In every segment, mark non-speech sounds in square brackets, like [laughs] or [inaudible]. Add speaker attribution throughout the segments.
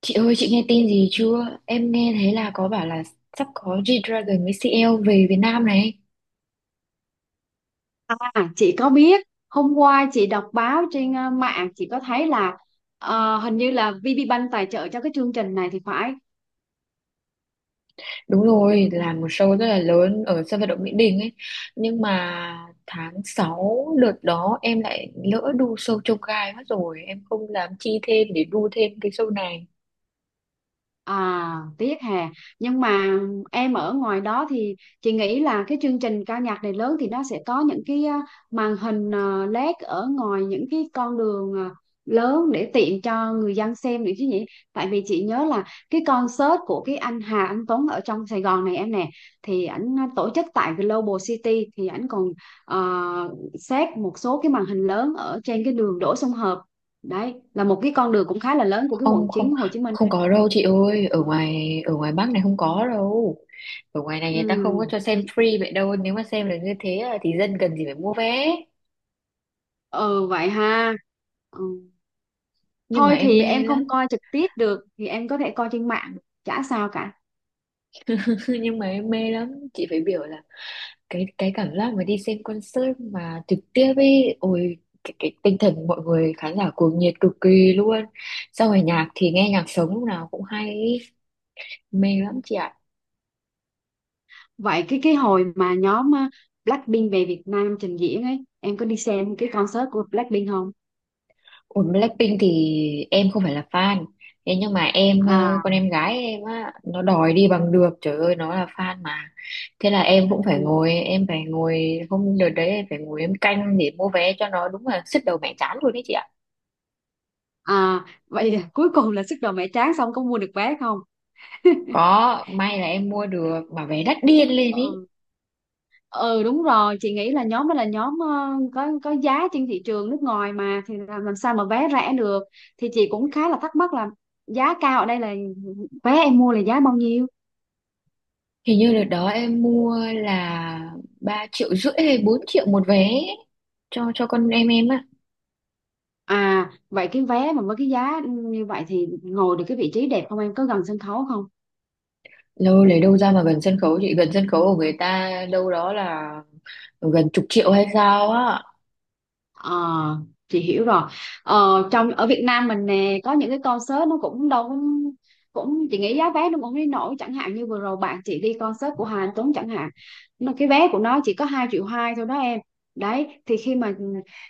Speaker 1: Chị ơi, chị nghe tin gì chưa? Em nghe thấy là có bảo là sắp có G-Dragon với CL về Việt Nam này.
Speaker 2: À, chị có biết hôm qua chị đọc báo trên mạng chị có thấy là hình như là VPBank tài trợ cho cái chương trình này thì phải.
Speaker 1: Đúng rồi, là một show rất là lớn ở sân vận động Mỹ Đình ấy. Nhưng mà tháng 6 đợt đó em lại lỡ đu show trông gai mất rồi. Em không dám chi thêm để đu thêm cái show này.
Speaker 2: À, tiếc hà. Nhưng mà em ở ngoài đó thì chị nghĩ là cái chương trình ca nhạc này lớn thì nó sẽ có những cái màn hình LED ở ngoài những cái con đường lớn để tiện cho người dân xem được chứ nhỉ? Tại vì chị nhớ là cái concert của cái anh Hà Anh Tuấn ở trong Sài Gòn này em nè, thì ảnh tổ chức tại Global City thì ảnh còn xét một số cái màn hình lớn ở trên cái đường Đỗ Xuân Hợp. Đấy, là một cái con đường cũng khá là lớn của cái quận
Speaker 1: Không, không,
Speaker 2: 9 Hồ Chí Minh
Speaker 1: không
Speaker 2: đấy.
Speaker 1: có đâu chị ơi. Ở ngoài Bắc này không có đâu. Ở ngoài này người ta không
Speaker 2: Ừ,
Speaker 1: có cho xem free vậy đâu. Nếu mà xem được như thế là thì dân cần gì phải mua vé.
Speaker 2: ừ vậy ha, ừ.
Speaker 1: Nhưng mà
Speaker 2: Thôi
Speaker 1: em
Speaker 2: thì
Speaker 1: mê
Speaker 2: em không
Speaker 1: lắm.
Speaker 2: coi trực tiếp được thì em có thể coi trên mạng, chả sao cả.
Speaker 1: Thôi nhưng mà em mê lắm, chị phải biểu là cái cảm giác mà đi xem concert mà trực tiếp ấy, ôi cái tinh thần mọi người khán giả cuồng nhiệt cực kỳ luôn, sau rồi nhạc thì nghe nhạc sống lúc nào cũng hay ý. Mê lắm chị ạ.
Speaker 2: Vậy cái hồi mà nhóm Blackpink về Việt Nam trình diễn ấy, em có đi xem cái concert của Blackpink không?
Speaker 1: Ủa Blackpink thì em không phải là fan, thế nhưng mà em con
Speaker 2: À,
Speaker 1: em gái em á, nó đòi đi bằng được, trời ơi nó là fan mà. Thế là em cũng phải
Speaker 2: ừ.
Speaker 1: ngồi, em phải ngồi, hôm đợt đấy em phải ngồi em canh để mua vé cho nó, đúng là sứt đầu mẻ trán luôn đấy chị ạ.
Speaker 2: À vậy là cuối cùng là sức đầu mẹ tráng xong có mua được vé không? [laughs]
Speaker 1: Có, may là em mua được mà vé đắt điên lên ý.
Speaker 2: Ừ, ừ đúng rồi, chị nghĩ là nhóm đó là nhóm có giá trên thị trường nước ngoài mà, thì làm sao mà vé rẻ được. Thì chị cũng khá là thắc mắc là giá cao ở đây là vé em mua là giá bao nhiêu?
Speaker 1: Hình như đợt đó em mua là 3 triệu rưỡi hay 4 triệu một vé ấy, cho con em á.
Speaker 2: À, vậy cái vé mà với cái giá như vậy thì ngồi được cái vị trí đẹp không em? Có gần sân khấu không?
Speaker 1: Lâu lấy đâu ra mà gần sân khấu chị, gần sân khấu của người ta đâu, đó là gần chục triệu hay sao á.
Speaker 2: Ờ, chị hiểu rồi. Ờ, trong ở Việt Nam mình nè có những cái concert nó cũng đâu cũng cũng chị nghĩ giá vé nó cũng đi nổi, chẳng hạn như vừa rồi bạn chị đi concert của Hà Anh Tuấn chẳng hạn, nó cái vé của nó chỉ có hai triệu hai thôi đó em. Đấy thì khi mà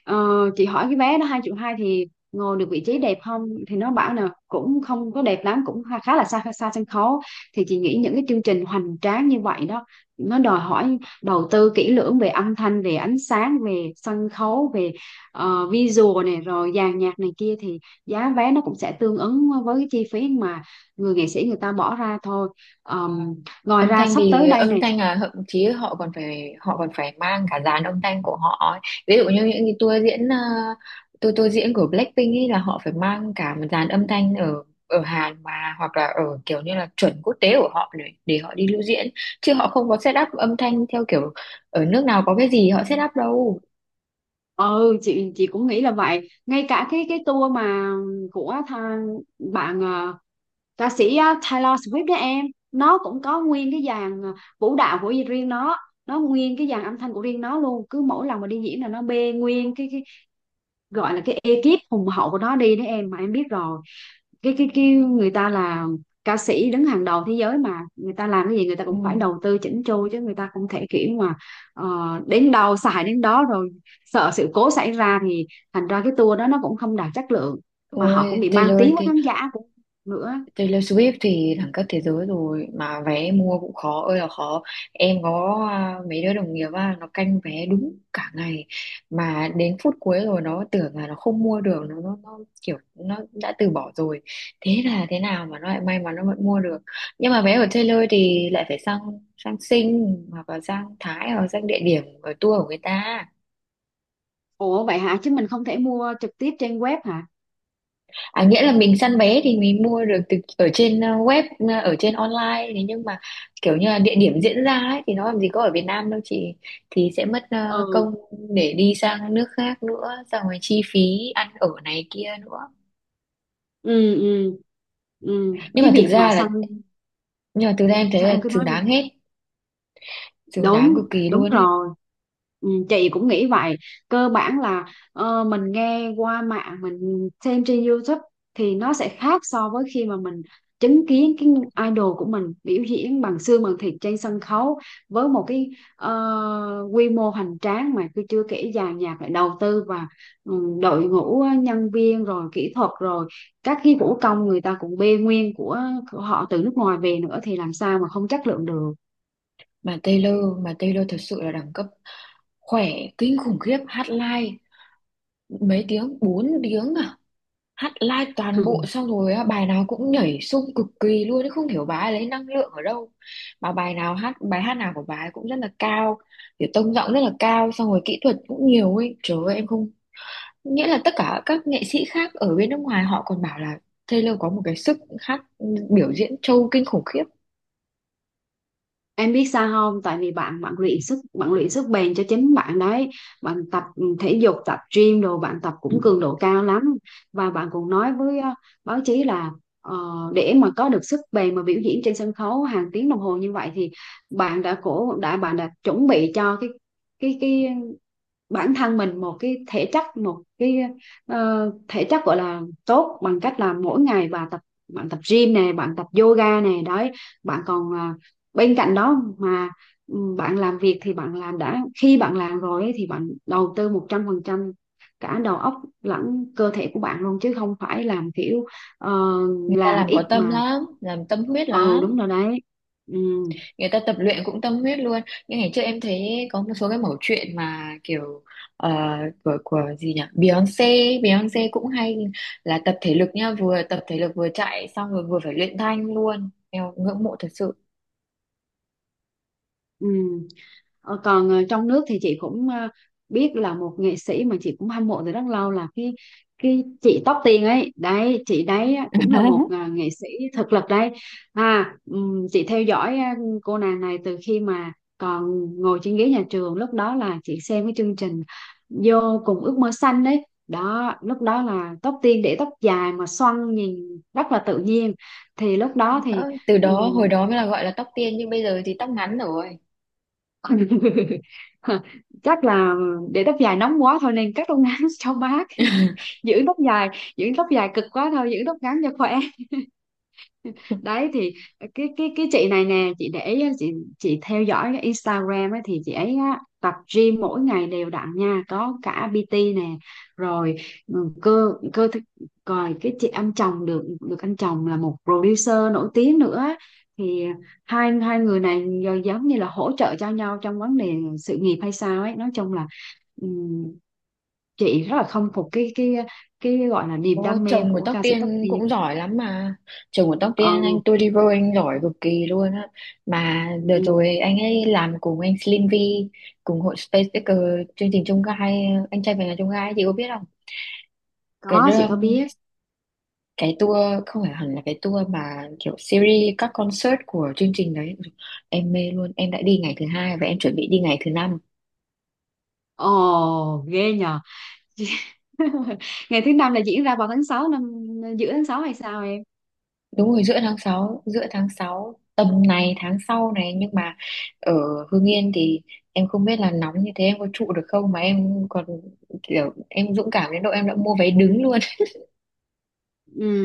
Speaker 2: ờ, chị hỏi cái vé nó hai triệu hai thì ngồi được vị trí đẹp không, thì nó bảo là cũng không có đẹp lắm, cũng khá khá là xa xa sân khấu. Thì chị nghĩ những cái chương trình hoành tráng như vậy đó, nó đòi hỏi đầu tư kỹ lưỡng về âm thanh, về ánh sáng, về sân khấu, về visual này rồi dàn nhạc này kia, thì giá vé nó cũng sẽ tương ứng với cái chi phí mà người nghệ sĩ người ta bỏ ra thôi. Ờm, Ngoài
Speaker 1: Âm
Speaker 2: ra
Speaker 1: thanh
Speaker 2: sắp
Speaker 1: thì
Speaker 2: tới đây
Speaker 1: âm
Speaker 2: này.
Speaker 1: thanh là thậm chí họ còn phải mang cả dàn âm thanh của họ ấy. Ví dụ như những cái tour diễn, ờ, tour tour diễn của Blackpink ấy là họ phải mang cả một dàn âm thanh ở ở Hàn mà, hoặc là ở kiểu như là chuẩn quốc tế của họ, để họ đi lưu diễn, chứ họ không có set up âm thanh theo kiểu ở nước nào có cái gì họ set up đâu.
Speaker 2: Ừ, chị cũng nghĩ là vậy, ngay cả cái tour mà của tha, bạn ca sĩ Taylor Swift đó em, nó cũng có nguyên cái dàn vũ đạo của riêng nó nguyên cái dàn âm thanh của riêng nó luôn. Cứ mỗi lần mà đi diễn là nó bê nguyên cái gọi là cái ekip hùng hậu của nó đi đấy em, mà em biết rồi. Cái người ta là ca sĩ đứng hàng đầu thế giới, mà người ta làm cái gì người ta
Speaker 1: Ừ.
Speaker 2: cũng phải đầu tư chỉnh chu, chứ người ta không thể kiểu mà ờ, đến đâu xài đến đó, rồi sợ sự cố xảy ra thì thành ra cái tour đó nó cũng không đạt chất lượng, mà họ cũng
Speaker 1: Ôi,
Speaker 2: bị mang
Speaker 1: Taylor.
Speaker 2: tiếng với khán giả cũng nữa.
Speaker 1: Taylor Swift thì đẳng cấp thế giới rồi mà vé mua cũng khó ơi là khó. Em có mấy đứa đồng nghiệp á, nó canh vé đúng cả ngày, mà đến phút cuối rồi nó tưởng là nó không mua được, nó kiểu nó đã từ bỏ rồi, thế là thế nào mà nó lại may mắn, nó vẫn mua được. Nhưng mà vé của Taylor thì lại phải sang, sang Sing hoặc là sang Thái hoặc sang địa điểm ở tour của người ta.
Speaker 2: Ủa vậy hả, chứ mình không thể mua trực tiếp trên web hả?
Speaker 1: À, nghĩa là mình săn vé thì mình mua được từ ở trên web, ở trên online, thế nhưng mà kiểu như là địa điểm diễn ra ấy thì nó làm gì có ở Việt Nam đâu chị, thì sẽ mất
Speaker 2: Ừ,
Speaker 1: công để đi sang nước khác nữa, xong rồi chi phí ăn ở này kia nữa.
Speaker 2: ừ, ừ, ừ
Speaker 1: Nhưng
Speaker 2: cái
Speaker 1: mà thực
Speaker 2: việc mà
Speaker 1: ra là,
Speaker 2: săn,
Speaker 1: nhưng mà thực ra em thấy
Speaker 2: sao
Speaker 1: là
Speaker 2: em cứ nói
Speaker 1: xứng
Speaker 2: đi.
Speaker 1: đáng hết, xứng đáng cực
Speaker 2: Đúng,
Speaker 1: kỳ
Speaker 2: đúng
Speaker 1: luôn ấy.
Speaker 2: rồi. Ừ, chị cũng nghĩ vậy. Cơ bản là mình nghe qua mạng, mình xem trên YouTube thì nó sẽ khác so với khi mà mình chứng kiến cái idol của mình biểu diễn bằng xương bằng thịt trên sân khấu với một cái quy mô hoành tráng, mà tôi chưa kể dàn nhạc lại đầu tư và ừ, đội ngũ nhân viên rồi kỹ thuật rồi các cái vũ công người ta cũng bê nguyên của họ từ nước ngoài về nữa, thì làm sao mà không chất lượng được.
Speaker 1: Mà Taylor, mà Taylor thật sự là đẳng cấp, khỏe kinh khủng khiếp, hát live mấy tiếng, 4 tiếng à, hát live toàn bộ,
Speaker 2: [laughs]
Speaker 1: xong rồi á, bài nào cũng nhảy xung cực kỳ luôn ấy, không hiểu bà ấy lấy năng lượng ở đâu, mà bài nào hát, bài hát nào của bà ấy cũng rất là cao, kiểu tông giọng rất là cao, xong rồi kỹ thuật cũng nhiều ấy, trời ơi em không, nghĩa là tất cả các nghệ sĩ khác ở bên nước ngoài họ còn bảo là Taylor có một cái sức hát, biểu diễn trâu kinh khủng khiếp.
Speaker 2: Em biết sao không? Tại vì bạn bạn luyện sức, bạn luyện sức bền cho chính bạn đấy. Bạn tập ừ, thể dục, tập gym đồ, bạn tập cũng cường độ cao lắm. Và bạn cũng nói với báo chí là ờ, để mà có được sức bền mà biểu diễn trên sân khấu hàng tiếng đồng hồ như vậy, thì bạn đã chuẩn bị cho cái cái cái bản thân mình một cái thể chất, một cái thể chất gọi là tốt, bằng cách là mỗi ngày tập, bạn tập gym này, bạn tập yoga này đấy. Bạn còn à, bên cạnh đó mà ừ, bạn làm việc thì bạn làm đã khi bạn làm rồi ấy, thì bạn đầu tư 100% cả đầu óc lẫn cơ thể của bạn luôn, chứ không phải làm kiểu ờ,
Speaker 1: Người ta
Speaker 2: làm
Speaker 1: làm có
Speaker 2: ít
Speaker 1: tâm
Speaker 2: mà.
Speaker 1: lắm, làm tâm huyết
Speaker 2: Ừ
Speaker 1: lắm.
Speaker 2: đúng rồi đấy, ừ,
Speaker 1: Người ta tập luyện cũng tâm huyết luôn. Nhưng ngày trước em thấy có một số cái mẩu chuyện mà kiểu, ờ, của gì nhỉ, Beyonce Beyonce cũng hay là tập thể lực nha, vừa tập thể lực vừa chạy, xong rồi vừa phải luyện thanh luôn, em ngưỡng mộ thật sự.
Speaker 2: ừ. Ờ, còn trong nước thì chị cũng biết là một nghệ sĩ mà chị cũng hâm mộ từ rất lâu là cái chị Tóc Tiên ấy đấy, chị đấy á, cũng là một nghệ sĩ thực lực đấy. À chị theo dõi à, cô nàng này từ khi mà còn ngồi trên ghế nhà trường, lúc đó là chị xem cái chương trình vô cùng ước mơ xanh đấy đó. Lúc đó là Tóc Tiên để tóc dài mà xoăn nhìn rất là tự nhiên, thì lúc đó thì
Speaker 1: Đó, từ đó hồi đó mới là gọi là tóc tiên, nhưng bây giờ thì tóc ngắn rồi.
Speaker 2: [laughs] chắc là để tóc dài nóng quá thôi nên cắt tóc ngắn [laughs] cho mát.
Speaker 1: [laughs]
Speaker 2: giữ tóc dài Giữ tóc dài cực quá thôi, giữ tóc ngắn cho khỏe. Đấy thì cái chị này nè, chị để ý á, chị theo dõi cái Instagram ấy, thì chị ấy á, tập gym mỗi ngày đều đặn nha, có cả PT nè, rồi ừ, cơ cơ thể- rồi cái chị anh chồng được được anh chồng là một producer nổi tiếng nữa. Thì hai hai người này giờ giống như là hỗ trợ cho nhau trong vấn đề sự nghiệp hay sao ấy. Nói chung là ừm, chị rất là khâm phục cái gọi là niềm
Speaker 1: Ô,
Speaker 2: đam mê
Speaker 1: chồng của
Speaker 2: của
Speaker 1: Tóc
Speaker 2: ca sĩ Tóc
Speaker 1: Tiên
Speaker 2: Tiên.
Speaker 1: cũng giỏi lắm mà. Chồng của Tóc Tiên anh
Speaker 2: Ừ,
Speaker 1: Toliver, anh giỏi cực kỳ luôn á. Mà đợt rồi
Speaker 2: ừ,
Speaker 1: anh ấy làm cùng anh Slim V, cùng hội Space Picker, chương trình Chông Gai, Anh trai về nhà Chông Gai chị có biết không? Cái
Speaker 2: có, chị
Speaker 1: đưa-
Speaker 2: có biết.
Speaker 1: cái tour, không phải hẳn là cái tour mà kiểu series các concert của chương trình đấy. Em mê luôn, em đã đi ngày thứ hai và em chuẩn bị đi ngày thứ năm.
Speaker 2: Ồ, ghê nhờ. [laughs] Ngày thứ năm là diễn ra vào tháng 6 năm, giữa tháng 6 hay sao em?
Speaker 1: Đúng rồi, giữa tháng sáu, giữa tháng 6 tầm này tháng sau này, nhưng mà ở Hưng Yên thì em không biết là nóng như thế em có trụ được không, mà em còn kiểu em dũng cảm đến độ em đã mua vé đứng luôn. [laughs]
Speaker 2: Ừ.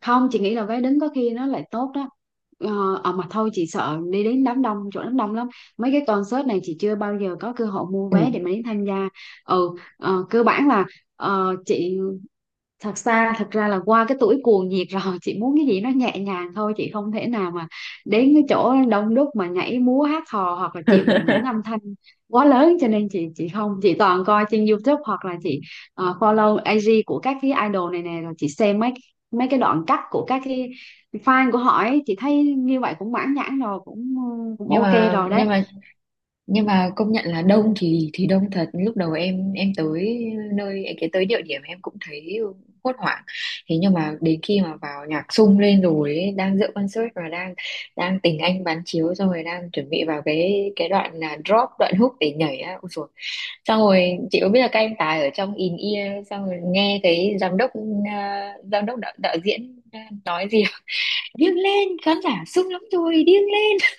Speaker 2: Không, chị nghĩ là vé đứng có khi nó lại tốt đó. Ờ, à mà thôi, chị sợ đi đến đám đông, chỗ đám đông lắm. Mấy cái concert này chị chưa bao giờ có cơ hội mua
Speaker 1: Ừ.
Speaker 2: vé để mà đến tham gia. Ừ, ờ, cơ bản là chị thật ra là qua cái tuổi cuồng nhiệt rồi, chị muốn cái gì nó nhẹ nhàng thôi, chị không thể nào mà đến cái chỗ đông đúc mà nhảy múa hát hò, hoặc là chịu đựng những
Speaker 1: [laughs]
Speaker 2: âm thanh quá lớn. Cho nên chị không chị toàn coi trên YouTube, hoặc là chị follow IG của các cái idol này nè, rồi chị xem mấy mấy cái đoạn cắt của các cái fan của họ ấy. Chị thấy như vậy cũng mãn nhãn rồi, cũng cũng
Speaker 1: nhưng
Speaker 2: ok
Speaker 1: mà
Speaker 2: rồi đấy.
Speaker 1: nhưng mà nhưng mà công nhận là đông thì đông thật, lúc đầu em tới nơi, cái tới địa điểm em cũng thấy hốt hoảng, thế nhưng mà đến khi mà vào nhạc sung lên rồi ấy, đang dự concert và đang đang tình anh bán chiếu, xong rồi đang chuẩn bị vào cái đoạn là drop, đoạn hook để nhảy á, ôi dồi. Xong rồi chị có biết là các anh tài ở trong in ear, xong rồi nghe cái giám đốc, giám đốc đạo, đạo diễn nói gì. [laughs] Điên lên, khán giả sung lắm rồi, điên lên,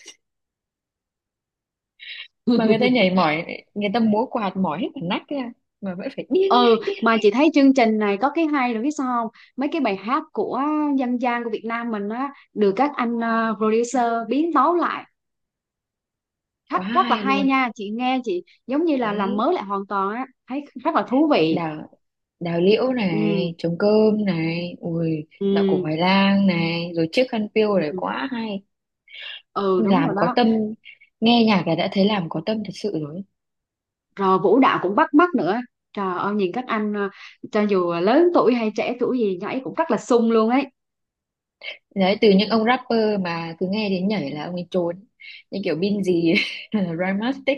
Speaker 1: mà người ta
Speaker 2: [laughs]
Speaker 1: nhảy mỏi, người ta múa quạt mỏi hết cả nách ra, mà vẫn phải điên
Speaker 2: Ừ,
Speaker 1: lên, điên
Speaker 2: mà
Speaker 1: lên.
Speaker 2: chị thấy chương trình này có cái hay là biết sao không, mấy cái bài hát của dân gian của Việt Nam mình á, được các anh ờ, producer biến tấu lại rất
Speaker 1: Quá
Speaker 2: rất là
Speaker 1: hay
Speaker 2: hay
Speaker 1: luôn
Speaker 2: nha. Chị nghe chị giống như là làm
Speaker 1: đấy.
Speaker 2: mới lại hoàn toàn á, thấy rất là thú vị.
Speaker 1: Đào, đào liễu
Speaker 2: Ừ,
Speaker 1: này, trống cơm này, ui dạo cổ
Speaker 2: ừ,
Speaker 1: Hoài Lang này, rồi chiếc khăn piêu này,
Speaker 2: ừ.
Speaker 1: quá hay.
Speaker 2: Ừ, đúng
Speaker 1: Làm
Speaker 2: rồi
Speaker 1: có
Speaker 2: đó.
Speaker 1: tâm, nghe nhạc là đã thấy làm có tâm thật sự rồi.
Speaker 2: Rồi vũ đạo cũng bắt mắt nữa, trời ơi nhìn các anh cho dù lớn tuổi hay trẻ tuổi gì nhảy cũng rất là sung luôn ấy.
Speaker 1: Đấy, từ những ông rapper mà cứ nghe đến nhảy là ông ấy trốn, như kiểu Bin gì [laughs] Rhymastic,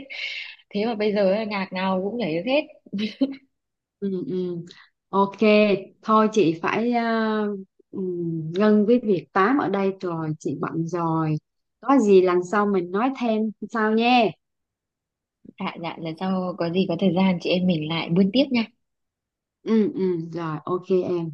Speaker 1: thế mà bây giờ ấy, nhạc nào cũng nhảy được hết.
Speaker 2: Ừ, ừ, ok. Thôi chị phải à, ngưng với việc tám ở đây rồi, chị bận rồi. Có gì lần sau mình nói thêm sau nha.
Speaker 1: Dạ dạ, lần sau có gì có thời gian chị em mình lại buôn tiếp nha.
Speaker 2: Ừ, ừ, rồi ok em.